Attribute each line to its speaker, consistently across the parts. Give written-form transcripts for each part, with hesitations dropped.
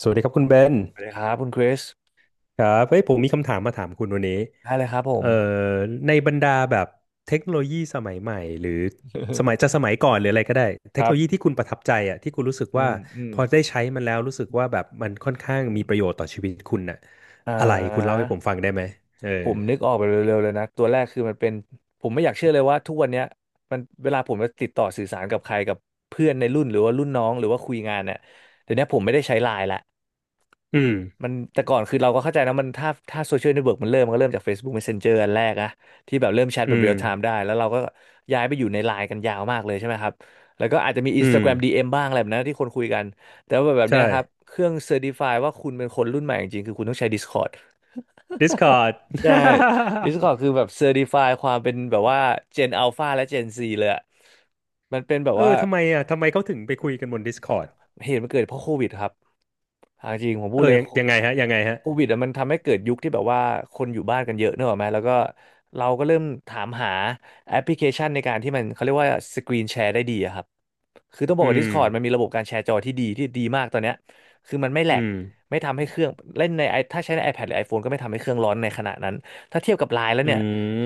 Speaker 1: สวัสดีครับคุณเบน
Speaker 2: สวัสดีครับคุณคริส
Speaker 1: ครับเฮ้ยผมมีคำถามมาถามคุณวันนี้
Speaker 2: ได้เลยครับผ
Speaker 1: เอ่
Speaker 2: ม
Speaker 1: อในบรรดาแบบเทคโนโลยีสมัยใหม่หรือสมัยก่อนหรืออะไรก็ได้
Speaker 2: ค
Speaker 1: เทค
Speaker 2: รั
Speaker 1: โนโลยี
Speaker 2: บ
Speaker 1: ที่คุณประทับใจอ่ะที่คุณรู้สึก
Speaker 2: อื
Speaker 1: ว่า
Speaker 2: มอืม
Speaker 1: พอได้ใช้มันแล้วรู้สึกว่าแบบมันค่อนข้าง
Speaker 2: อื
Speaker 1: มี
Speaker 2: ม
Speaker 1: ประโยชน์ต่อชีวิตคุณน่ะ
Speaker 2: อ่
Speaker 1: อะไรคุณเล่า
Speaker 2: า
Speaker 1: ให้ผมฟังได้ไหมเออ
Speaker 2: ผมนึกออกไปเร็วๆเลยนะ ตัวแรกคือมันเป็น ผมไม่อยากเชื่อเลยว่าทุกวันเนี้ยมันเวลาผมจะติดต่อสื่อสารกับใครกับเพื่อนในรุ่นหรือว่ารุ่นน้องหรือว่าคุยงานเนี่ยเดี๋ยวนี้ผมไม่ได้ใช้ไลน์ละ
Speaker 1: อืม
Speaker 2: มันแต่ก่อนคือเราก็เข้าใจนะมันถ้าโซเชียลเน็ตเวิร์กมันเริ่มมันก็เริ่มจาก Facebook Messenger อันแรกอะที่แบบเริ่มแชท
Speaker 1: อื
Speaker 2: แบบเรีย
Speaker 1: ม
Speaker 2: ลไทม์ได้แล้วเราก็ย้ายไปอยู่ในไลน์กันยาวมากเลยใช่ไหมครับแล้วก็อาจจะมี
Speaker 1: อืม
Speaker 2: Instagram DM บ้างอะไรแบบนั้นที่คนคุยกันแต่ว่าแบบเนี้ย
Speaker 1: ใช่
Speaker 2: ครับเครื่องเซอร์ f ิฟายว่าคุณเป็นคนรุ่นใหม่จริงๆคือคุณต้องใช้ Discord
Speaker 1: Discord
Speaker 2: ใช่ Discord คื อแบบเซอร์ f ิฟายความเป็นแบบว่า Gen Alpha และ Gen Z เลยอะมันเป็นแบบ
Speaker 1: เอ
Speaker 2: ว่า
Speaker 1: อทำไมอ่ะทำไมเขาถึงไปคุยกันบน Discord
Speaker 2: เหตุมันเกิดเพราะโควิดครับเอาจริงผมพู
Speaker 1: เอ
Speaker 2: ด
Speaker 1: อ
Speaker 2: เลย
Speaker 1: ยัง
Speaker 2: โค
Speaker 1: ยังไงฮะยังไงฮะ
Speaker 2: โควิดอะมันทำให้เกิดยุคที่แบบว่าคนอยู่บ้านกันเยอะเนกอะไหมแล้วก็เราก็เริ่มถามหาแอปพลิเคชันในการที่มันเขาเรียกว่าสกรีนแชร์ได้ดีอะครับ คือต้องบอ
Speaker 1: อื
Speaker 2: กว่า
Speaker 1: ม
Speaker 2: Discord มันมีระบบการแชร์จอที่ดีมากตอนเนี้ยคือมันไม่แหล
Speaker 1: อื
Speaker 2: ก
Speaker 1: ม
Speaker 2: ไม่ทำให้เครื่องเล่นใน ถ้าใช้ใน iPad หรือ iPhone ก็ไม่ทำให้เครื่องร้อนในขณะนั้น ถ้าเทียบกับ Line แล้ว
Speaker 1: อื
Speaker 2: เนี่ย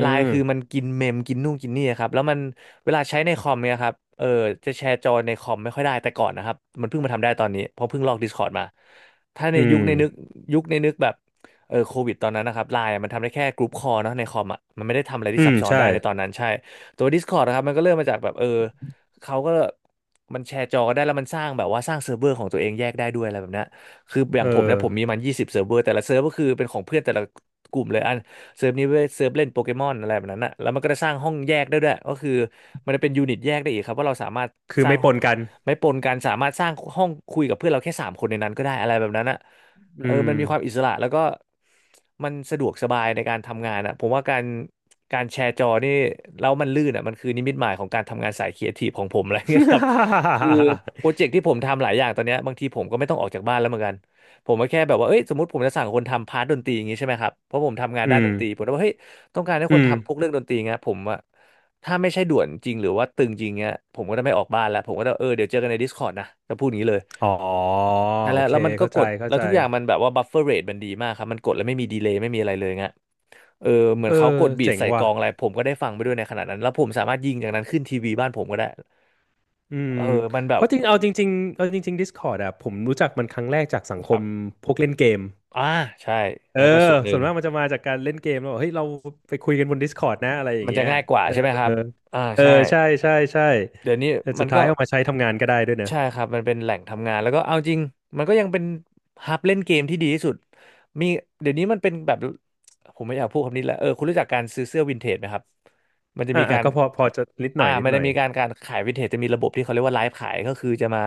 Speaker 2: Line คือมัน
Speaker 1: ม
Speaker 2: กินเมมกินนู่นกินนี่ครับแล้วมันเวลาใช้ในคอมเนี่ยครับจะแชร์จอในคอมไม่ค่อยได้แต่ก่อนนะครับมันเพิ่งมาทำได้ตอนนี้เพราะเพิ่งลอก Discord มาถ้าใน
Speaker 1: อื
Speaker 2: ยุคในนึก
Speaker 1: ม
Speaker 2: ยุคในนึกแบบโควิดตอนนั้นนะครับไลน์มันทำได้แค่กรุ๊ปคอลเนาะในคอมอ่ะมันไม่ได้ทำอะไร
Speaker 1: อื
Speaker 2: ที่ซั
Speaker 1: ม
Speaker 2: บซ้อน
Speaker 1: ใช่
Speaker 2: ได้ในตอนนั้นใช่ตัว Discord นะครับมันก็เริ่มมาจากแบบเขาก็ มันแชร์จอได้แล้วมันสร้างแบบว่าสร้างเซิร์ฟเวอร์ของตัวเองแยกได้ด้วยอะไรแบบเนี้ยคืออย่า
Speaker 1: เอ
Speaker 2: งผมเนี่ยผม
Speaker 1: อ
Speaker 2: มีมัน20 เซิร์ฟเวอร์แต่ละเซิร์ฟก็คือเป็นของเพื่อนแต่ละกลุ่มเลยอันเซิร์ฟนี้เว้ยเซิร์ฟเล่นโปเกมอนอะไรแบบนั้นนะแล้วมันก็จะสร้างห้องแยกได้ด้วยก็คือมันจะเป็นยูนิตแยกได้อีกครับว่าเราสามารถ
Speaker 1: คือ
Speaker 2: สร้าง
Speaker 1: ไม่ป
Speaker 2: ห้อง
Speaker 1: นกัน
Speaker 2: ไม่ปนกันสามารถสร้างห้องคุยกับเพื่อนเราแค่สามคนในนั้นก็ได้อะไรแบบนั้นนะ
Speaker 1: อื
Speaker 2: เออมัน
Speaker 1: ม
Speaker 2: มีความอิสระแล้วก็มันสะดวกสบายในการทำงานอ่ะผมว่าการแชร์จอนี่แล้วมันลื่นอ่ะมันคือนิมิตหมายของการทำงานสายครีเอทีฟของผมอะไรเงี้ยครับ คือโปรเจกต์ที่ผมทำหลายอย่างตอนเนี้ยบางทีผมก็ไม่ต้องออกจากบ้านแล้วเหมือนกันผมก็แค่แบบว่าเอ้ยสมมติผมจะสั่งคนทำพาร์ทดนตรีอย่างงี้ใช่ไหมครับเพราะผมทำงาน
Speaker 1: อื
Speaker 2: ด้าน
Speaker 1: ม
Speaker 2: ดนตรีผมก็บอกเฮ้ยต้องการให้ค
Speaker 1: อื
Speaker 2: น
Speaker 1: ม
Speaker 2: ทำพวกเรื่องดนตรีเงี้ยผมอะถ้าไม่ใช่ด่วนจริงหรือว่าตึงจริงเงี้ยผมก็จะไม่ออกบ้านแล้วผมก็จะเดี๋ยวเจอกันใน Discord นะจะพูดอย่างนี้เลย
Speaker 1: อ๋อ
Speaker 2: นั่นแห
Speaker 1: โอ
Speaker 2: ละ
Speaker 1: เค
Speaker 2: แล้วมันก็
Speaker 1: เข้า
Speaker 2: ก
Speaker 1: ใจ
Speaker 2: ด
Speaker 1: เข้า
Speaker 2: แล้ว
Speaker 1: ใจ
Speaker 2: ทุกอย่างมันแบบว่าบัฟเฟอร์เรทมันดีมากครับมันกดแล้วไม่มีดีเลย์ไม่มีอะไรเลยเงี้ยเออเหมือ
Speaker 1: เอ
Speaker 2: น
Speaker 1: อ
Speaker 2: เขากดบีท
Speaker 1: เจ๋ง
Speaker 2: ใส่ก
Speaker 1: ว่ะ
Speaker 2: ลองอะไรผมก็ได้ฟังไปด้วยในขณะนั้นแล้วผมสามารถยิงจากนั้นขึ้นทีวีบ้านผมก็ได้
Speaker 1: อืม
Speaker 2: เออมันแบ
Speaker 1: เพ
Speaker 2: บ
Speaker 1: ราะจริงเอาจริงๆเอาจริงๆ Discord อะผมรู้จักมันครั้งแรกจากสังค
Speaker 2: ครั
Speaker 1: ม
Speaker 2: บ
Speaker 1: พวกเล่นเกม
Speaker 2: อ่าใช่
Speaker 1: เออ
Speaker 2: นั่นก็ส่วนห
Speaker 1: ส่
Speaker 2: นึ่
Speaker 1: ว
Speaker 2: ง
Speaker 1: นมากมันจะมาจากการเล่นเกมแล้วบอกเฮ้ยเราไปคุยกันบน Discord นะ อะไรอย่า
Speaker 2: มั
Speaker 1: ง
Speaker 2: นจะ
Speaker 1: เงี้ย
Speaker 2: ง่ายกว่า
Speaker 1: เออ
Speaker 2: ใช่ไหมครับอ่า
Speaker 1: เออ
Speaker 2: ใช่
Speaker 1: ใช่ใช่ใช่
Speaker 2: เดี๋ยวนี้
Speaker 1: แต่
Speaker 2: มั
Speaker 1: สุ
Speaker 2: น
Speaker 1: ด
Speaker 2: ก็
Speaker 1: ท้ายเอามาใช้ทำงานก็ได้ด้วยเนอะ
Speaker 2: ใช่ครับมันเป็นแหล่งทำงานแล้วก็เอาจริงมันก็ยังเป็นฮับเล่นเกมที่ดีที่สุดมีเดี๋ยวนี้มันเป็นแบบผมไม่อยากพูดคำนี้แหละคุณรู้จักการซื้อเสื้อวินเทจไหมครับมันจะ
Speaker 1: อ่า
Speaker 2: มี
Speaker 1: อ่า
Speaker 2: การ
Speaker 1: ก็พอพอจะนิดหน่อยนิด
Speaker 2: มัน
Speaker 1: หน่
Speaker 2: จะ
Speaker 1: อย
Speaker 2: มีการขายวินเทจจะมีระบบที่เขาเรียกว่าไลฟ์ขายก็คือจะมา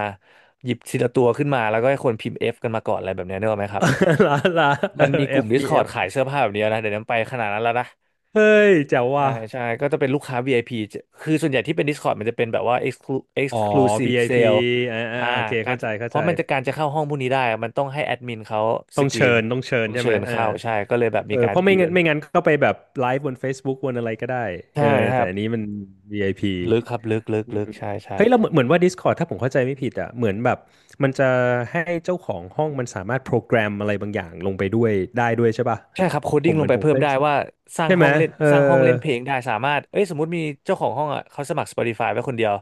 Speaker 2: หยิบทีละตัวขึ้นมาแล้วก็ให้คนพิมพ์ F กันมาก่อนอะไรแบบเนี้ยนึกออกไหมครับ
Speaker 1: ลาลาเอ
Speaker 2: มันมี
Speaker 1: อ
Speaker 2: กลุ่ม
Speaker 1: F B F เอ
Speaker 2: Discord
Speaker 1: ฟ
Speaker 2: ขายเสื้อผ้าแบบเนี้ยนะเดี๋ยวนี้มันไปขนาดนั้นแล้วนะ
Speaker 1: เฮ้ยแจ๋ว
Speaker 2: ใช่
Speaker 1: ว่ะ
Speaker 2: ใช่ก็จะเป็นลูกค้า VIP จะคือส่วนใหญ่ที่เป็น Discord มันจะเป็นแบบว่า exclu
Speaker 1: อ๋อ
Speaker 2: exclusive
Speaker 1: VIP
Speaker 2: sale
Speaker 1: อพีอ่าอ่า
Speaker 2: อ่า
Speaker 1: โอเค
Speaker 2: การ
Speaker 1: เข้าใจเข้า
Speaker 2: เพ
Speaker 1: ใจ
Speaker 2: ราะมันจะการจะเข้าห้องพวกนี้ได้อะมันต้องให้แอดมินเขาส
Speaker 1: ต้อง
Speaker 2: กรี
Speaker 1: เชิ
Speaker 2: น
Speaker 1: ญต้องเชิญ
Speaker 2: ต้อง
Speaker 1: ใช่
Speaker 2: เชิ
Speaker 1: ไหม
Speaker 2: ญ
Speaker 1: เออ
Speaker 2: เข้าใช่ก็เลยแบบ
Speaker 1: เอ
Speaker 2: มี
Speaker 1: อ
Speaker 2: กา
Speaker 1: เพ
Speaker 2: ร
Speaker 1: ราะไม่
Speaker 2: อีเว
Speaker 1: งั้น
Speaker 2: นต์
Speaker 1: ไม่งั้นก็ไปแบบไลฟ์บน Facebook บนอะไรก็ได้เอ
Speaker 2: ใช่
Speaker 1: อ
Speaker 2: ครั
Speaker 1: แต่
Speaker 2: บ
Speaker 1: อันนี้มัน VIP อพี
Speaker 2: ลึกครับ
Speaker 1: อื
Speaker 2: ลึ
Speaker 1: ม
Speaker 2: กใช่ใช่
Speaker 1: เฮ้ยเราเหมือนเหมือนว่า Discord ถ้าผมเข้าใจไม่ผิดอ่ะเหมือนแบบมันจะให้เจ้าของห้องมันสามารถโปรแกรมอะไรบางอย่างลงไปด้วยได้ด้วยใช่ป่ะ
Speaker 2: ใช่ครับโคด
Speaker 1: ผ
Speaker 2: ดิ้
Speaker 1: ม
Speaker 2: งล
Speaker 1: เหมื
Speaker 2: ง
Speaker 1: อน
Speaker 2: ไป
Speaker 1: ผม
Speaker 2: เพิ่
Speaker 1: เค
Speaker 2: ม
Speaker 1: ย
Speaker 2: ได้ว่า
Speaker 1: ใช่ไหมเออ
Speaker 2: สร้างห้องเล่นเพลงได้สามารถเอ้ยสมมติมีเจ้าของห้องอ่ะเขาสมัคร Spotify ไว้คนเดียว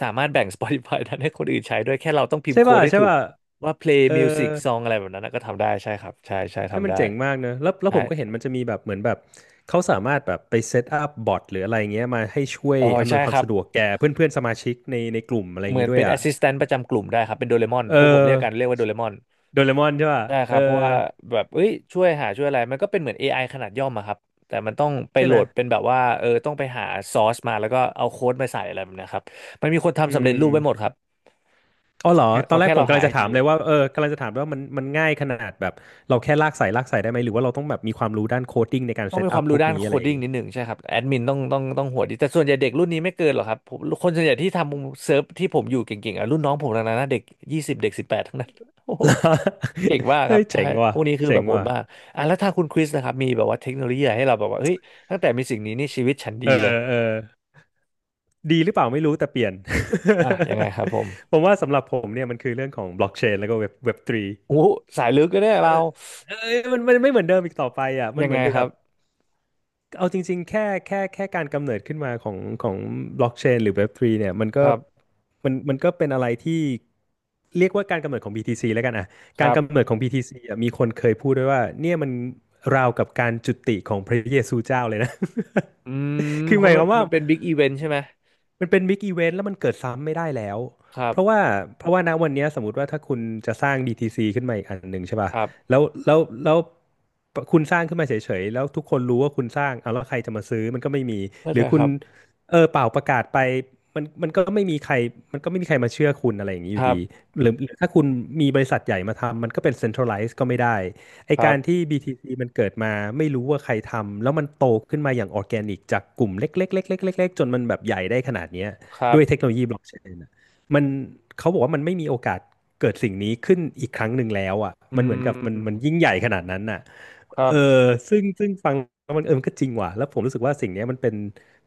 Speaker 2: สามารถแบ่ง Spotify นั้นให้คนอื่นใช้ด้วยแค่เราต้องพิม
Speaker 1: ใช่
Speaker 2: พ์โค้ด
Speaker 1: ป่ะ
Speaker 2: ได้
Speaker 1: ใช่
Speaker 2: ถูก
Speaker 1: ป่ะ
Speaker 2: ว่า play
Speaker 1: เออ
Speaker 2: music song อะไรแบบนั้นนะก็ทำได้ใช่ครับใช่ใช่
Speaker 1: เฮ้ย
Speaker 2: ทำ
Speaker 1: มัน
Speaker 2: ได้
Speaker 1: เจ๋งมากเนอะแล้วแล้ว
Speaker 2: ใช่
Speaker 1: ผมก็เห็นมันจะมีแบบเหมือนแบบ เขาสามารถแบบไปเซตอัพบอทหรืออะไรเงี้ยมาให้ช่วย
Speaker 2: อ๋อ
Speaker 1: อำน
Speaker 2: ใช่
Speaker 1: วยค
Speaker 2: ค
Speaker 1: วาม
Speaker 2: รับ
Speaker 1: สะดวกแก่เพื่อนเพื่อนสมาชิกในในกลุ่มอะไรอ
Speaker 2: เห
Speaker 1: ย่าง
Speaker 2: มือ
Speaker 1: งี้
Speaker 2: น
Speaker 1: ด้ว
Speaker 2: เป็
Speaker 1: ย
Speaker 2: น
Speaker 1: อ่ะ
Speaker 2: assistant ประจำกลุ่มได้ครับเป็นโดเรมอน
Speaker 1: เอ
Speaker 2: พวกผมเรียกกันเรี
Speaker 1: อ
Speaker 2: ยกว่าโดเรมอน
Speaker 1: โดเรมอนใช่ป่ะ
Speaker 2: ใช่ค
Speaker 1: เอ
Speaker 2: รั
Speaker 1: อ
Speaker 2: บเพราะว่าแบบเอ้ยช่วยหาช่วยอะไรมันก็เป็นเหมือน AI ขนาดย่อมอะครับแต่มันต้องไป
Speaker 1: ใช่
Speaker 2: โหล
Speaker 1: ไหม
Speaker 2: ดเป็นแบบว่าต้องไปหาซอสมาแล้วก็เอาโค้ดมาใส่อะไรแบบเนะครับมันมีคน
Speaker 1: อื
Speaker 2: ทำสำเร็จรูปไว้หมดค
Speaker 1: ม
Speaker 2: รับ
Speaker 1: อ๋อเหรอ ต
Speaker 2: ข
Speaker 1: อ
Speaker 2: อ
Speaker 1: นแรก
Speaker 2: แค่
Speaker 1: ผ
Speaker 2: เรา
Speaker 1: มกำ
Speaker 2: หา
Speaker 1: ลัง
Speaker 2: ให้
Speaker 1: จะ
Speaker 2: เจ
Speaker 1: ถาม
Speaker 2: อ
Speaker 1: เลยว่า กำลังจะถามว่ามันมันง่ายขนาดแบบเราแค่ลากสายลากสายได้ไหมหรือว่าเราต้องแบบมีความรู้ด้านโคดดิ้งในการ
Speaker 2: ต้อ
Speaker 1: เซ
Speaker 2: ง
Speaker 1: ต
Speaker 2: มีค
Speaker 1: อั
Speaker 2: วา
Speaker 1: พ
Speaker 2: ม
Speaker 1: พ
Speaker 2: รู้
Speaker 1: วก
Speaker 2: ด้าน
Speaker 1: นี้
Speaker 2: โค
Speaker 1: อะไร
Speaker 2: ด
Speaker 1: อย่า
Speaker 2: ดิ้
Speaker 1: ง
Speaker 2: ง
Speaker 1: งี้
Speaker 2: นิดหนึ่งใช่ครับแอดมินต้องหัวดีแต่ส่วนใหญ่เด็กรุ่นนี้ไม่เกินหรอกครับผมคนส่วนใหญ่ที่ทำเซิร์ฟที่ผมอยู่เก่งๆอ่ะรุ่นน้องผมทั้งนั้นนะเด็กยี่สิบเด็กสิบแปดทั้งนั้น โอ้โหเก่งมาก ค
Speaker 1: เฮ้
Speaker 2: รับ
Speaker 1: ย
Speaker 2: ใช่
Speaker 1: เจ๋งว่ะ
Speaker 2: พวกนี้คือ
Speaker 1: เจ๋
Speaker 2: แบ
Speaker 1: ง
Speaker 2: บโหด
Speaker 1: ว่ะ
Speaker 2: มากอ่ะแล้วถ้าคุณคริสนะครับมีแบบว่าเทคโนโลยีอะไรให้เราแบบว่าเฮ้ยตั้งแต่มีสิ่งนี้นี่ชีวิตฉันดี
Speaker 1: เออ
Speaker 2: เลย
Speaker 1: เออ ดีหรือเปล่าไม่รู้แต่เปลี่ยน
Speaker 2: อ่ะยังไงครับผม
Speaker 1: ผมว่าสำหรับผมเนี่ยมันคือเรื่องของบล็อกเชนแล้วก็เว็บทรี
Speaker 2: อู้สายลึกเลยเนี่ย
Speaker 1: เอ
Speaker 2: เรา
Speaker 1: อเออมันมันไม่เหมือนเดิมอีกต่อไปอ่ะมัน
Speaker 2: ยัง
Speaker 1: เหมื
Speaker 2: ไง
Speaker 1: อน
Speaker 2: ครั
Speaker 1: กับ
Speaker 2: บ
Speaker 1: เอาจริงๆแค่แค่การกำเนิดขึ้นมาของของบล็อกเชนหรือ Web3 เนี่ยมันก็
Speaker 2: ครับ
Speaker 1: มันมันก็เป็นอะไรที่เรียกว่าการกำเนิดของ BTC แล้วกันอ่ะ
Speaker 2: ค
Speaker 1: การ
Speaker 2: รั
Speaker 1: กำเนิ
Speaker 2: บ
Speaker 1: ดของ BTC อ่ะมีคนเคยพูดด้วยว่าเนี่ยมันราวกับการจุติของพระเยซูเจ้าเลยนะ
Speaker 2: อืม
Speaker 1: คื
Speaker 2: เพ
Speaker 1: อห
Speaker 2: ราะ
Speaker 1: มาย
Speaker 2: มั
Speaker 1: ค
Speaker 2: น
Speaker 1: วามว่า
Speaker 2: มันเป็นบิ๊กอีเวนต์ใช่ไหม
Speaker 1: มันเป็นบิ๊กอีเวนต์แล้วมันเกิดซ้ำไม่ได้แล้ว
Speaker 2: ครั
Speaker 1: เพราะว่า
Speaker 2: บ
Speaker 1: เพราะว่าณวันเนี้ยสมมติว่าถ้าคุณจะสร้างดี t c ขึ้นมาอีกอันหนึ่งใช่ป่ะ
Speaker 2: ครับ
Speaker 1: แล้วคุณสร้างขึ้นมาเฉยๆแล้วทุกคนรู้ว่าคุณสร้างเอาแล้วใครจะมาซื้อมันก็ไม่มี
Speaker 2: เข้า
Speaker 1: ห
Speaker 2: ใจ
Speaker 1: รือคุ
Speaker 2: ค
Speaker 1: ณ
Speaker 2: รับ
Speaker 1: เออเปล่าประกาศไปมันมันก็ไม่มีใครมาเชื่อคุณอะไรอย่างนี้
Speaker 2: ค
Speaker 1: อยู่
Speaker 2: รั
Speaker 1: ดี
Speaker 2: บ
Speaker 1: หรือถ้าคุณมีบริษัทใหญ่มาทำมันก็เป็น centralized ก็ไม่ได้ไอ
Speaker 2: ครั
Speaker 1: การ
Speaker 2: บ
Speaker 1: ที่ BTC มันเกิดมาไม่รู้ว่าใครทำแล้วมันโตขึ้นมาอย่างออร์แกนิกจากกลุ่มเล็กๆๆๆๆๆจนมันแบบใหญ่ได้ขนาดเนี้ย
Speaker 2: ครั
Speaker 1: ด้
Speaker 2: บ
Speaker 1: วยเทคโนโลยีบล็อกเชน มันเขาบอกว่ามันไม่มีโอกาสเกิดสิ่งนี้ขึ้นอีกครั้งหนึ่งแล้วอ่ะ
Speaker 2: อื
Speaker 1: มันเหมือนกับมันมัน
Speaker 2: ม
Speaker 1: ยิ่งใหญ่ขนาดนั้นน่ะ
Speaker 2: ครั
Speaker 1: เออ
Speaker 2: บ
Speaker 1: ซึ่งฟังแล้วมันเออมันก็จริงว่ะแล้วผมรู้สึกว่าสิ่งนี้มันเป็น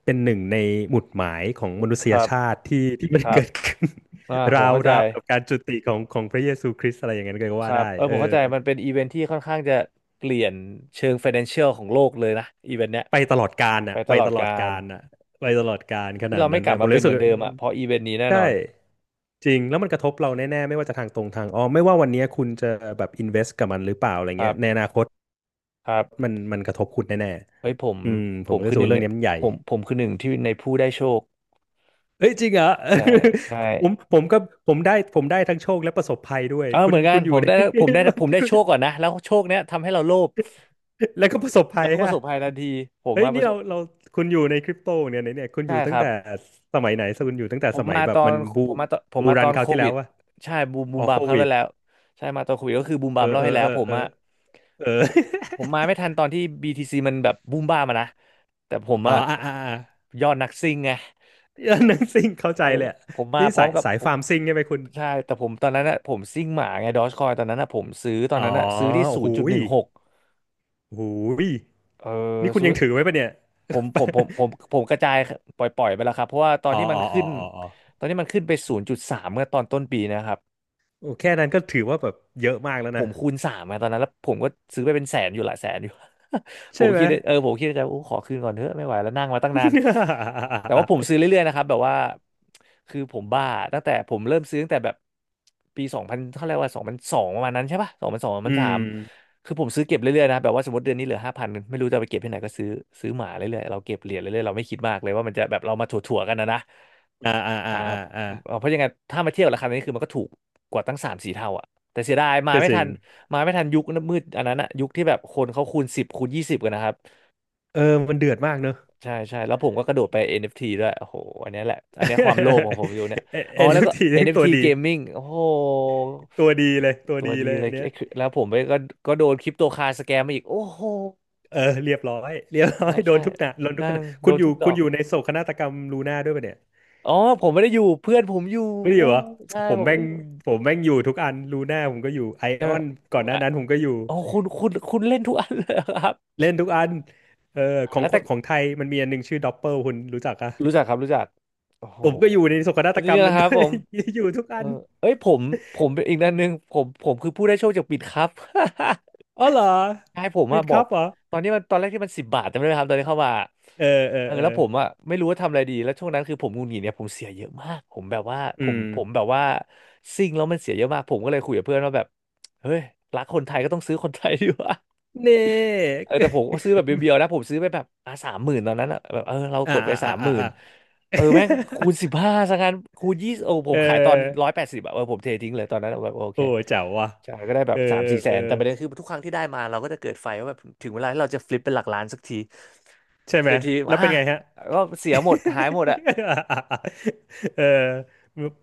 Speaker 1: เป็นหนึ่งในหมุดหมายของมนุษ
Speaker 2: ค
Speaker 1: ย
Speaker 2: รับ
Speaker 1: ชาติที่มัน
Speaker 2: ครั
Speaker 1: เกิ
Speaker 2: บ
Speaker 1: ดขึ้น
Speaker 2: อ่า ผม
Speaker 1: ราว
Speaker 2: เข้าใจ
Speaker 1: ราวกับการจุติของของพระเยซูคริสต์อะไรอย่างนั้นก็
Speaker 2: ค
Speaker 1: ว่า
Speaker 2: รั
Speaker 1: ได้
Speaker 2: บเออ
Speaker 1: เอ
Speaker 2: ผ
Speaker 1: อ
Speaker 2: มเข้าใจมันเป็นอีเวนต์ที่ค่อนข้างจะเปลี่ยนเชิง Financial ของโลกเลยนะอีเวนต์เนี้ย
Speaker 1: ไปตลอดกาล
Speaker 2: ไป
Speaker 1: น่ะ
Speaker 2: ต
Speaker 1: ไป
Speaker 2: ลอ
Speaker 1: ต
Speaker 2: ด
Speaker 1: ลอ
Speaker 2: กา
Speaker 1: ดกา
Speaker 2: ล
Speaker 1: ลน่ะไปตลอดกาลข
Speaker 2: ที่
Speaker 1: นาด
Speaker 2: เราไม่
Speaker 1: นั้น
Speaker 2: กลั
Speaker 1: นะ
Speaker 2: บ
Speaker 1: ผ
Speaker 2: มา
Speaker 1: ม
Speaker 2: เป็น
Speaker 1: รู้
Speaker 2: เห
Speaker 1: สึก
Speaker 2: มือนเดิมอ่ะเพราะอีเวนต์นี้แน่น
Speaker 1: ใช่
Speaker 2: อน
Speaker 1: จริงแล้วมันกระทบเราแน่ๆไม่ว่าจะทางตรงทางอ้อมไม่ว่าวันเนี้ยคุณจะแบบอินเวสกับมันหรือเปล่าอะไร
Speaker 2: ค
Speaker 1: เงี้ยในอ
Speaker 2: รั
Speaker 1: นาคต
Speaker 2: บ
Speaker 1: มันมันกระทบคุณแน่
Speaker 2: เฮ้ยผม
Speaker 1: ๆอืมผมก็รู้
Speaker 2: คือ
Speaker 1: สึ
Speaker 2: ห
Speaker 1: ก
Speaker 2: นึ่
Speaker 1: ว่า
Speaker 2: ง
Speaker 1: เรื่อง
Speaker 2: เนี่ย
Speaker 1: นี้มันใหญ่
Speaker 2: ผมคือหนึ่งที่ในผู้ได้โชค
Speaker 1: เอ้ยจริงเหรอ
Speaker 2: ใช่ ใช่
Speaker 1: ผมก็ผมได้ทั้งโชคและประสบภัยด้วย
Speaker 2: เออ
Speaker 1: คุ
Speaker 2: เห
Speaker 1: ณ
Speaker 2: มือนกั
Speaker 1: คุ
Speaker 2: น
Speaker 1: ณอ
Speaker 2: ผ
Speaker 1: ยู่
Speaker 2: ม
Speaker 1: ใน
Speaker 2: ได้ผมได้โชคก่อนนะแล้วโชคเนี้ยทำให้เราโลภ
Speaker 1: แล้วก็ประสบภั
Speaker 2: แล้
Speaker 1: ย
Speaker 2: วก็ประ
Speaker 1: ฮะ
Speaker 2: สบภัยทันทีผม
Speaker 1: เฮ้ย
Speaker 2: มาป
Speaker 1: นี่
Speaker 2: ระส
Speaker 1: เรา
Speaker 2: บ
Speaker 1: เราคุณอยู่ในคริปโตเนี่ยคุณอ
Speaker 2: ใช่
Speaker 1: ยู่
Speaker 2: ค
Speaker 1: ตั้ง
Speaker 2: รับ
Speaker 1: แต่สมัยไหนคุณอยู่ตั้งแต่
Speaker 2: ผ
Speaker 1: ส
Speaker 2: ม
Speaker 1: มัย
Speaker 2: มา
Speaker 1: แบ
Speaker 2: ต
Speaker 1: บ
Speaker 2: อ
Speaker 1: มั
Speaker 2: น
Speaker 1: น
Speaker 2: ผม
Speaker 1: บู
Speaker 2: มาต
Speaker 1: รัน
Speaker 2: อน
Speaker 1: ครา
Speaker 2: โค
Speaker 1: วที่แล้
Speaker 2: วิ
Speaker 1: ว
Speaker 2: ด
Speaker 1: วะ
Speaker 2: ใช่บูมบู
Speaker 1: อ๋อ
Speaker 2: มบา
Speaker 1: โค
Speaker 2: มครั้ง
Speaker 1: วิ
Speaker 2: แร
Speaker 1: ด
Speaker 2: กแล้วใช่มาตอนโควิดก็คือบูม
Speaker 1: เอ
Speaker 2: บา
Speaker 1: อ
Speaker 2: มเล่า
Speaker 1: เออ
Speaker 2: ให้แล้
Speaker 1: เอ
Speaker 2: ว
Speaker 1: อ
Speaker 2: ผม
Speaker 1: เออ
Speaker 2: อะ
Speaker 1: เอ
Speaker 2: ผมผ
Speaker 1: อ
Speaker 2: มมาไม่ทันตอนที่ BTC มันแบบบูมบ้ามอะนะแต่ผม
Speaker 1: อ๋อ
Speaker 2: อะ
Speaker 1: อ่า
Speaker 2: ยอดนักซิ่งไง
Speaker 1: เออห นังซิ่งเข้า
Speaker 2: เอ
Speaker 1: ใจ
Speaker 2: อ
Speaker 1: เลยอะ
Speaker 2: ผมมา
Speaker 1: นี่
Speaker 2: พร้อ
Speaker 1: สา
Speaker 2: ม
Speaker 1: ย
Speaker 2: กับ
Speaker 1: สาย
Speaker 2: ผม
Speaker 1: ฟาร์มซิ่งใช่ไหมคุณ
Speaker 2: ใช่แต่ผมตอนนั้นอะผมซิ่งหมาไงดอ g คอยตอนนั้นอะผมซื้อตอน
Speaker 1: อ๋อ
Speaker 2: นั้นอะซื้อที่
Speaker 1: โอ้
Speaker 2: ศู
Speaker 1: โห
Speaker 2: นย์จุดห
Speaker 1: ย
Speaker 2: นึ่งหก
Speaker 1: โอ้โหย
Speaker 2: เออ
Speaker 1: นี่คุณ
Speaker 2: ซื้อ
Speaker 1: ยังถือไว้ปะเนี่ย
Speaker 2: ผมกระจายปล่อยไปแล้วครับเพราะว่าตอ น
Speaker 1: อ๋อ
Speaker 2: ที่มัน
Speaker 1: อ๋ออ๋
Speaker 2: ขึ้
Speaker 1: อ
Speaker 2: น
Speaker 1: อ๋ออ๋อ
Speaker 2: ตอนที่มันขึ้นไปศูนย์จุดสามเมื่อตอนต้นปีนะครับ
Speaker 1: โอ้แค่นั้นก็ถือว่าแบบเยอะมากแล้ว
Speaker 2: ผ
Speaker 1: นะ
Speaker 2: มคูณสามมาตอนนั้นแล้วผมก็ซื้อไปเป็นแสนอยู่หลายแสนอยู่ ผ
Speaker 1: ใช่
Speaker 2: ม
Speaker 1: ไหม
Speaker 2: คิดในผมคิดในใจโอ้ขอคืนก่อนเถอะไม่ไหวแล้วนั่งมาตั้งนานแต่ว่าผม ซื้อเรื่อยๆนะครับแบบว่าคือผมบ้าตั้งแต่ผมเริ่มซื้อตั้งแต่แบบปีสองพันเท่าไหร่ว่าสองพันสองประมาณนั้นใช่ปะสองพันสองสอง
Speaker 1: อื
Speaker 2: พันสา
Speaker 1: ม
Speaker 2: มคือผมซื้อเก็บเรื่อยๆนะแบบว่าสมมติเดือนนี้เหลือห้าพันไม่รู้จะเอาไปเก็บที่ไหนก็ซื้อซื้อหมาเรื่อยๆเราเก็บเหรียญเรื่อยๆเราไม่คิดมากเลยว่ามันจะแบบเรามาถั่วๆกันนะนะ
Speaker 1: อ่าอ่าอ่า
Speaker 2: อ่า
Speaker 1: อ่าอ่า
Speaker 2: เพราะยังไงถ้ามาเทียบราคานี้คือมันก็ถูกกว่าตั้งสามสี่เท่าอ่ะ แต่เสียดายมา
Speaker 1: ก็
Speaker 2: ไม่
Speaker 1: จริ
Speaker 2: ทั
Speaker 1: ง
Speaker 2: นมาไม่ทันยุคมืดอันนั้นอะยุคที่แบบคนเขาคูณสิบคูณยี่สิบกันนะครับ
Speaker 1: เออมันเดือดมากเนอะ
Speaker 2: ใช่ใช่แล้วผมก็กระโดดไป NFT ด้วยโอ้โหอันเนี้ยแหละอันเนี้ยความโลภของผมอยู่เนี่ย
Speaker 1: เอ
Speaker 2: อ๋อ
Speaker 1: ็นเอ
Speaker 2: แล้ว
Speaker 1: ฟ
Speaker 2: ก็
Speaker 1: ทีทั้งตั
Speaker 2: NFT
Speaker 1: วดี
Speaker 2: Gaming โอ้โห
Speaker 1: ตัวดีเลยตัว
Speaker 2: ตัว
Speaker 1: ดี
Speaker 2: ดี
Speaker 1: เลย
Speaker 2: เลย
Speaker 1: อันเนี้ย
Speaker 2: ไอ้คือแล้วผมไปก็โดนคริปโตคาสแกมมาอีกโอ้โห
Speaker 1: เออเรียบร้อยเรียบร้อ
Speaker 2: ใช่
Speaker 1: ยโดน
Speaker 2: ใช่
Speaker 1: ทุกหนะโดนทุกข
Speaker 2: ดัง
Speaker 1: ณะ
Speaker 2: โด
Speaker 1: คุณ
Speaker 2: น
Speaker 1: อยู่
Speaker 2: ทุกด
Speaker 1: คุ
Speaker 2: อ
Speaker 1: ณ
Speaker 2: ก
Speaker 1: อยู่ในโศกนาฏกรรมลูน่าด้วยปะเนี่ย
Speaker 2: อ๋อผมไม่ได้อยู่เพื่อนผมอยู่
Speaker 1: ไม่ได้อ
Speaker 2: อู้
Speaker 1: ยู่เหรอ
Speaker 2: ใช่
Speaker 1: ผม
Speaker 2: ผมไม่
Speaker 1: แม่ง
Speaker 2: ได้อยู่
Speaker 1: ผมแม่งอยู่ทุกอันลูน่าผมก็อยู่ไอ
Speaker 2: ใช่
Speaker 1: อ
Speaker 2: ไหม
Speaker 1: อนก่อนหน้า
Speaker 2: อ่ะ
Speaker 1: นั้นผมก็อยู่
Speaker 2: อ๋อคุณเล่นทุกอันเลยเหรอครับ
Speaker 1: เล่นทุกอันเออของ
Speaker 2: แล้วแต่
Speaker 1: ของไทยมันมีอันหนึ่งชื่อด็อปเปลคุณรู้จักอะ
Speaker 2: รู้จักครับรู้จักโอ้โห
Speaker 1: ผมก็อยู่ในโศกนา
Speaker 2: อั
Speaker 1: ฏ
Speaker 2: น
Speaker 1: ก
Speaker 2: นี้
Speaker 1: รรม
Speaker 2: นะ
Speaker 1: นั้น
Speaker 2: ครั
Speaker 1: ด้
Speaker 2: บ
Speaker 1: ว
Speaker 2: ผ
Speaker 1: ย
Speaker 2: ม
Speaker 1: อยู่ทุก
Speaker 2: เอ
Speaker 1: อั
Speaker 2: อ
Speaker 1: น
Speaker 2: เอ้ยผมเป็นอีกด้านหนึ่งผมคือผู้ได้โชคจากปิดครับ
Speaker 1: อ๋อเหรอ
Speaker 2: ให้ผม
Speaker 1: วิ
Speaker 2: อะ
Speaker 1: ด
Speaker 2: บ
Speaker 1: ค
Speaker 2: อ
Speaker 1: รั
Speaker 2: ก
Speaker 1: บเหรอ
Speaker 2: ตอนนี้มันตอนแรกที่มัน10 บาทจำได้ไหมครับตอนนี้เข้ามา
Speaker 1: เออเออเออ
Speaker 2: แล้วผมไม่รู้ว่าทำอะไรดีแล้วช่วงนั้นคือผมหงุดหงิดเนี่ยผมเสียเยอะมากผมแบบว่า
Speaker 1: อื
Speaker 2: ผม
Speaker 1: ม
Speaker 2: ผมแบบว่าซิ่งแล้วมันเสียเยอะมากผมก็เลยคุยกับเพื่อนว่าแบบเฮ้ยรักคนไทยก็ต้องซื้อคนไทยดีกว่า
Speaker 1: เน่
Speaker 2: แต่ผมก็ ซื้อแบบเบียวๆนะผมซื้อไปแบบอ่ะสามหมื่นตอนนั้นอะแบบเรา
Speaker 1: อ่า
Speaker 2: กดไป
Speaker 1: อ่า
Speaker 2: สา
Speaker 1: อ่า
Speaker 2: มห
Speaker 1: อ่า
Speaker 2: มื่น
Speaker 1: อ่า
Speaker 2: แม่งคูณสิบ ห้าซะงั้นคูณ20โอ้ผ
Speaker 1: เอ
Speaker 2: มขายตอนร้อ
Speaker 1: อ
Speaker 2: ยแปดสิบอะผมเททิ้งเลยตอนนั้นแบบโอเค
Speaker 1: โอ้เจ๋วว่ะ
Speaker 2: ใช่ก็ได้แบ
Speaker 1: เอ
Speaker 2: บ
Speaker 1: อ
Speaker 2: สามสี่
Speaker 1: เอ
Speaker 2: แส
Speaker 1: อ
Speaker 2: นแต่ประเด็นคือทุกครั้งที่ได้มาเราก็จะเกิดไฟว่าแบบถึงเวลาที่เราจะฟลิปเป็นหลักล้านสักที
Speaker 1: ใช่ไหม
Speaker 2: เสียที
Speaker 1: แล้ว
Speaker 2: อ่ะ
Speaker 1: เป็นไงฮะ
Speaker 2: ก็เสียหมดหายหมดอะ
Speaker 1: เออ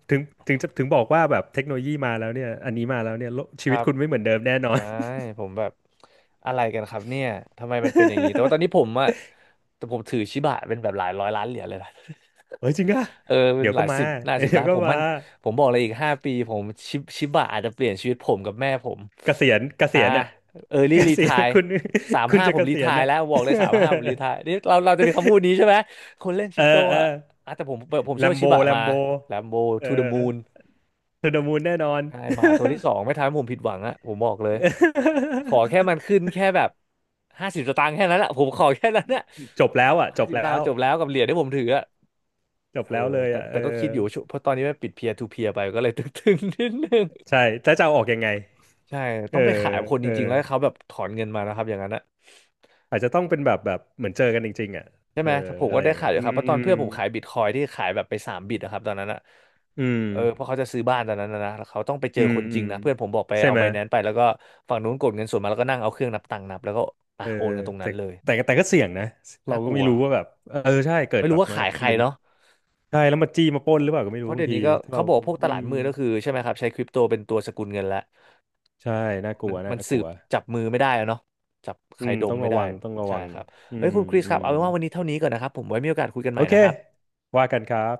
Speaker 1: ถึงถึงจะถึงบอกว่าแบบ เทคโนโลยีมาแล้วเนี่ย อันนี้มาแล้วเนี่ยโลก
Speaker 2: ค
Speaker 1: ชีวิ
Speaker 2: รั
Speaker 1: ต
Speaker 2: บ
Speaker 1: คุณไม่เหมือนเดิมแน่นอน
Speaker 2: ใช่ผมแบบอะไรกันครับเนี่ยทำไมมันเป็นอย่างนี้แต่ว่าตอนนี้ผมอะแต่ผมถือชิบะเป็นแบบหลายร้อยล้านเหรียญเลยนะ
Speaker 1: เฮ้ยจริงอ่ะ
Speaker 2: เออเป็น
Speaker 1: เดี๋ยว
Speaker 2: ห
Speaker 1: ก็
Speaker 2: ลาย
Speaker 1: มา
Speaker 2: สิบหน้า ยสิบ
Speaker 1: เดี๋ย
Speaker 2: ล้า
Speaker 1: ว
Speaker 2: น
Speaker 1: ก็
Speaker 2: ผม
Speaker 1: มา
Speaker 2: มันผมบอกเลยอีก5 ปีผมชิบะอาจจะเปลี่ยนชีวิตผมกับแม่ผม
Speaker 1: เกษียณเก
Speaker 2: อ่า
Speaker 1: ษียณอ่ะ
Speaker 2: เออร์ ลี่
Speaker 1: เก
Speaker 2: รี
Speaker 1: ษี
Speaker 2: ไท
Speaker 1: ยณ
Speaker 2: ร์
Speaker 1: คุณ
Speaker 2: สาม
Speaker 1: คุณ
Speaker 2: ห้า
Speaker 1: จะ
Speaker 2: ผ
Speaker 1: เก
Speaker 2: มรี
Speaker 1: ษี
Speaker 2: ไท
Speaker 1: ยณ
Speaker 2: ร์
Speaker 1: อ่ะ
Speaker 2: แล้วบ อกเลยสามห้าผมรีไทร์นี่เราจะมีคำพูดนี้ใช่ไหมคนเล่นค
Speaker 1: เอ
Speaker 2: ริ
Speaker 1: อ
Speaker 2: ปโต
Speaker 1: เออ
Speaker 2: อ่ะอ่ะแต่ผมผม
Speaker 1: แล
Speaker 2: เชื่อ
Speaker 1: ม
Speaker 2: ว่า
Speaker 1: โบ
Speaker 2: ชิบะ
Speaker 1: แล
Speaker 2: มา
Speaker 1: มโบ
Speaker 2: แลมโบ
Speaker 1: เออ
Speaker 2: to the moon
Speaker 1: เทูดมูนแน่นอน
Speaker 2: ใช่หมาตัวที่สองไม่ทำให้ผมผิดหวังอะผมบอกเลยขอแค่มันขึ้นแค่แบบห้าสิบสตางค์แค่นั้นอะผมขอแค่นั้นอะ
Speaker 1: จบแล้วอ่ะจ
Speaker 2: ห้า
Speaker 1: บ
Speaker 2: สิบสตา
Speaker 1: แล้
Speaker 2: งค์
Speaker 1: ว
Speaker 2: จบแล้วกับเหรียญที่ผมถืออะ
Speaker 1: จบ
Speaker 2: เออ
Speaker 1: แล้วเลย
Speaker 2: แต่
Speaker 1: อ่ะ
Speaker 2: แต่
Speaker 1: เอ
Speaker 2: ก็
Speaker 1: อ
Speaker 2: คิดอยู่ช่วงเพราะตอนนี้มันปิดเพียร์ทูเพียร์ไปก็เลย ตึงๆนิดนึง
Speaker 1: ใช่แล้วจะเอาออกยังไง
Speaker 2: ใช่
Speaker 1: เอ
Speaker 2: ต้อ
Speaker 1: อ
Speaker 2: งไปขายคน
Speaker 1: เอ
Speaker 2: จ
Speaker 1: อ
Speaker 2: ริงๆแล้วให้เขาแบบถอนเงินมานะครับอย่างนั้นนะ
Speaker 1: อาจจะต้องเป็นแบบเหมือนเจอกันจริงๆอ่ะ
Speaker 2: ใช่
Speaker 1: เอ
Speaker 2: ไห
Speaker 1: อ
Speaker 2: มถ้าผม
Speaker 1: อะ
Speaker 2: ก็
Speaker 1: ไรอ
Speaker 2: ได้
Speaker 1: ย่าง
Speaker 2: ขา
Speaker 1: เงี้
Speaker 2: ย
Speaker 1: ย
Speaker 2: อยู่ครับเพราะตอนเพื่อนผมขายบิตคอยที่ขายแบบไป3 บิตนะครับตอนนั้นนะ
Speaker 1: อืม
Speaker 2: เพราะเขาจะซื้อบ้านตอนนั้นนะแล้วเขาต้องไปเจ
Speaker 1: อื
Speaker 2: อ
Speaker 1: ม
Speaker 2: คนจ
Speaker 1: อื
Speaker 2: ริง
Speaker 1: ม
Speaker 2: นะเพื่อนผมบอกไป
Speaker 1: ใช่
Speaker 2: เอา
Speaker 1: ไหม
Speaker 2: ไบแนนซ์ไปแล้วก็ฝั่งนู้นกดเงินส่วนมาแล้วก็นั่งเอาเครื่องนับตังค์นับแล้วก็อ่ะ
Speaker 1: เออ
Speaker 2: โอนกันตรง
Speaker 1: แต่
Speaker 2: นั้นเลย
Speaker 1: แต่ก็เสี่ยงนะ เรา
Speaker 2: น่าก
Speaker 1: ก็
Speaker 2: ลั
Speaker 1: ไม่
Speaker 2: ว
Speaker 1: รู้ว่าแบบเออใช่เกิด
Speaker 2: ไม่
Speaker 1: แบ
Speaker 2: รู้
Speaker 1: บ
Speaker 2: ว่า
Speaker 1: มา
Speaker 2: ขายใคร
Speaker 1: เป็น
Speaker 2: เนาะ
Speaker 1: ใช่แล้วมาจี้มาปล้นหรือเปล่าก็ไม่
Speaker 2: เพ
Speaker 1: รู้
Speaker 2: ราะ
Speaker 1: บา
Speaker 2: เดี๋
Speaker 1: ง
Speaker 2: ยว
Speaker 1: ที
Speaker 2: นี้ก็
Speaker 1: ถ้า
Speaker 2: เขา
Speaker 1: เรา
Speaker 2: บอกว่าพวกต
Speaker 1: อื
Speaker 2: ลาด
Speaker 1: ม
Speaker 2: มืดก็คือใช่ไหมครับใช้คริปโตเป็นตัวสกุลเงินแล้ว
Speaker 1: ใช่น่าก
Speaker 2: มั
Speaker 1: ลั
Speaker 2: น
Speaker 1: วน่า
Speaker 2: มัน
Speaker 1: ก
Speaker 2: สื
Speaker 1: ลั
Speaker 2: บ
Speaker 1: ว
Speaker 2: จับมือไม่ได้แล้วเนาะจับใค
Speaker 1: อื
Speaker 2: ร
Speaker 1: ม
Speaker 2: ด
Speaker 1: ต้
Speaker 2: ม
Speaker 1: อง
Speaker 2: ไม่
Speaker 1: ระ
Speaker 2: ได้
Speaker 1: วัง
Speaker 2: ใช่ครับ
Speaker 1: อื
Speaker 2: เฮ้ย
Speaker 1: ม
Speaker 2: คุณคริส
Speaker 1: อื
Speaker 2: ครับ
Speaker 1: ม
Speaker 2: เอาเป็นว่าวันนี้เท่านี้ก่อนนะครับผมไว้มีโอกาสคุยกันให
Speaker 1: โอ
Speaker 2: ม่
Speaker 1: เค
Speaker 2: นะครับ
Speaker 1: ว่ากันครับ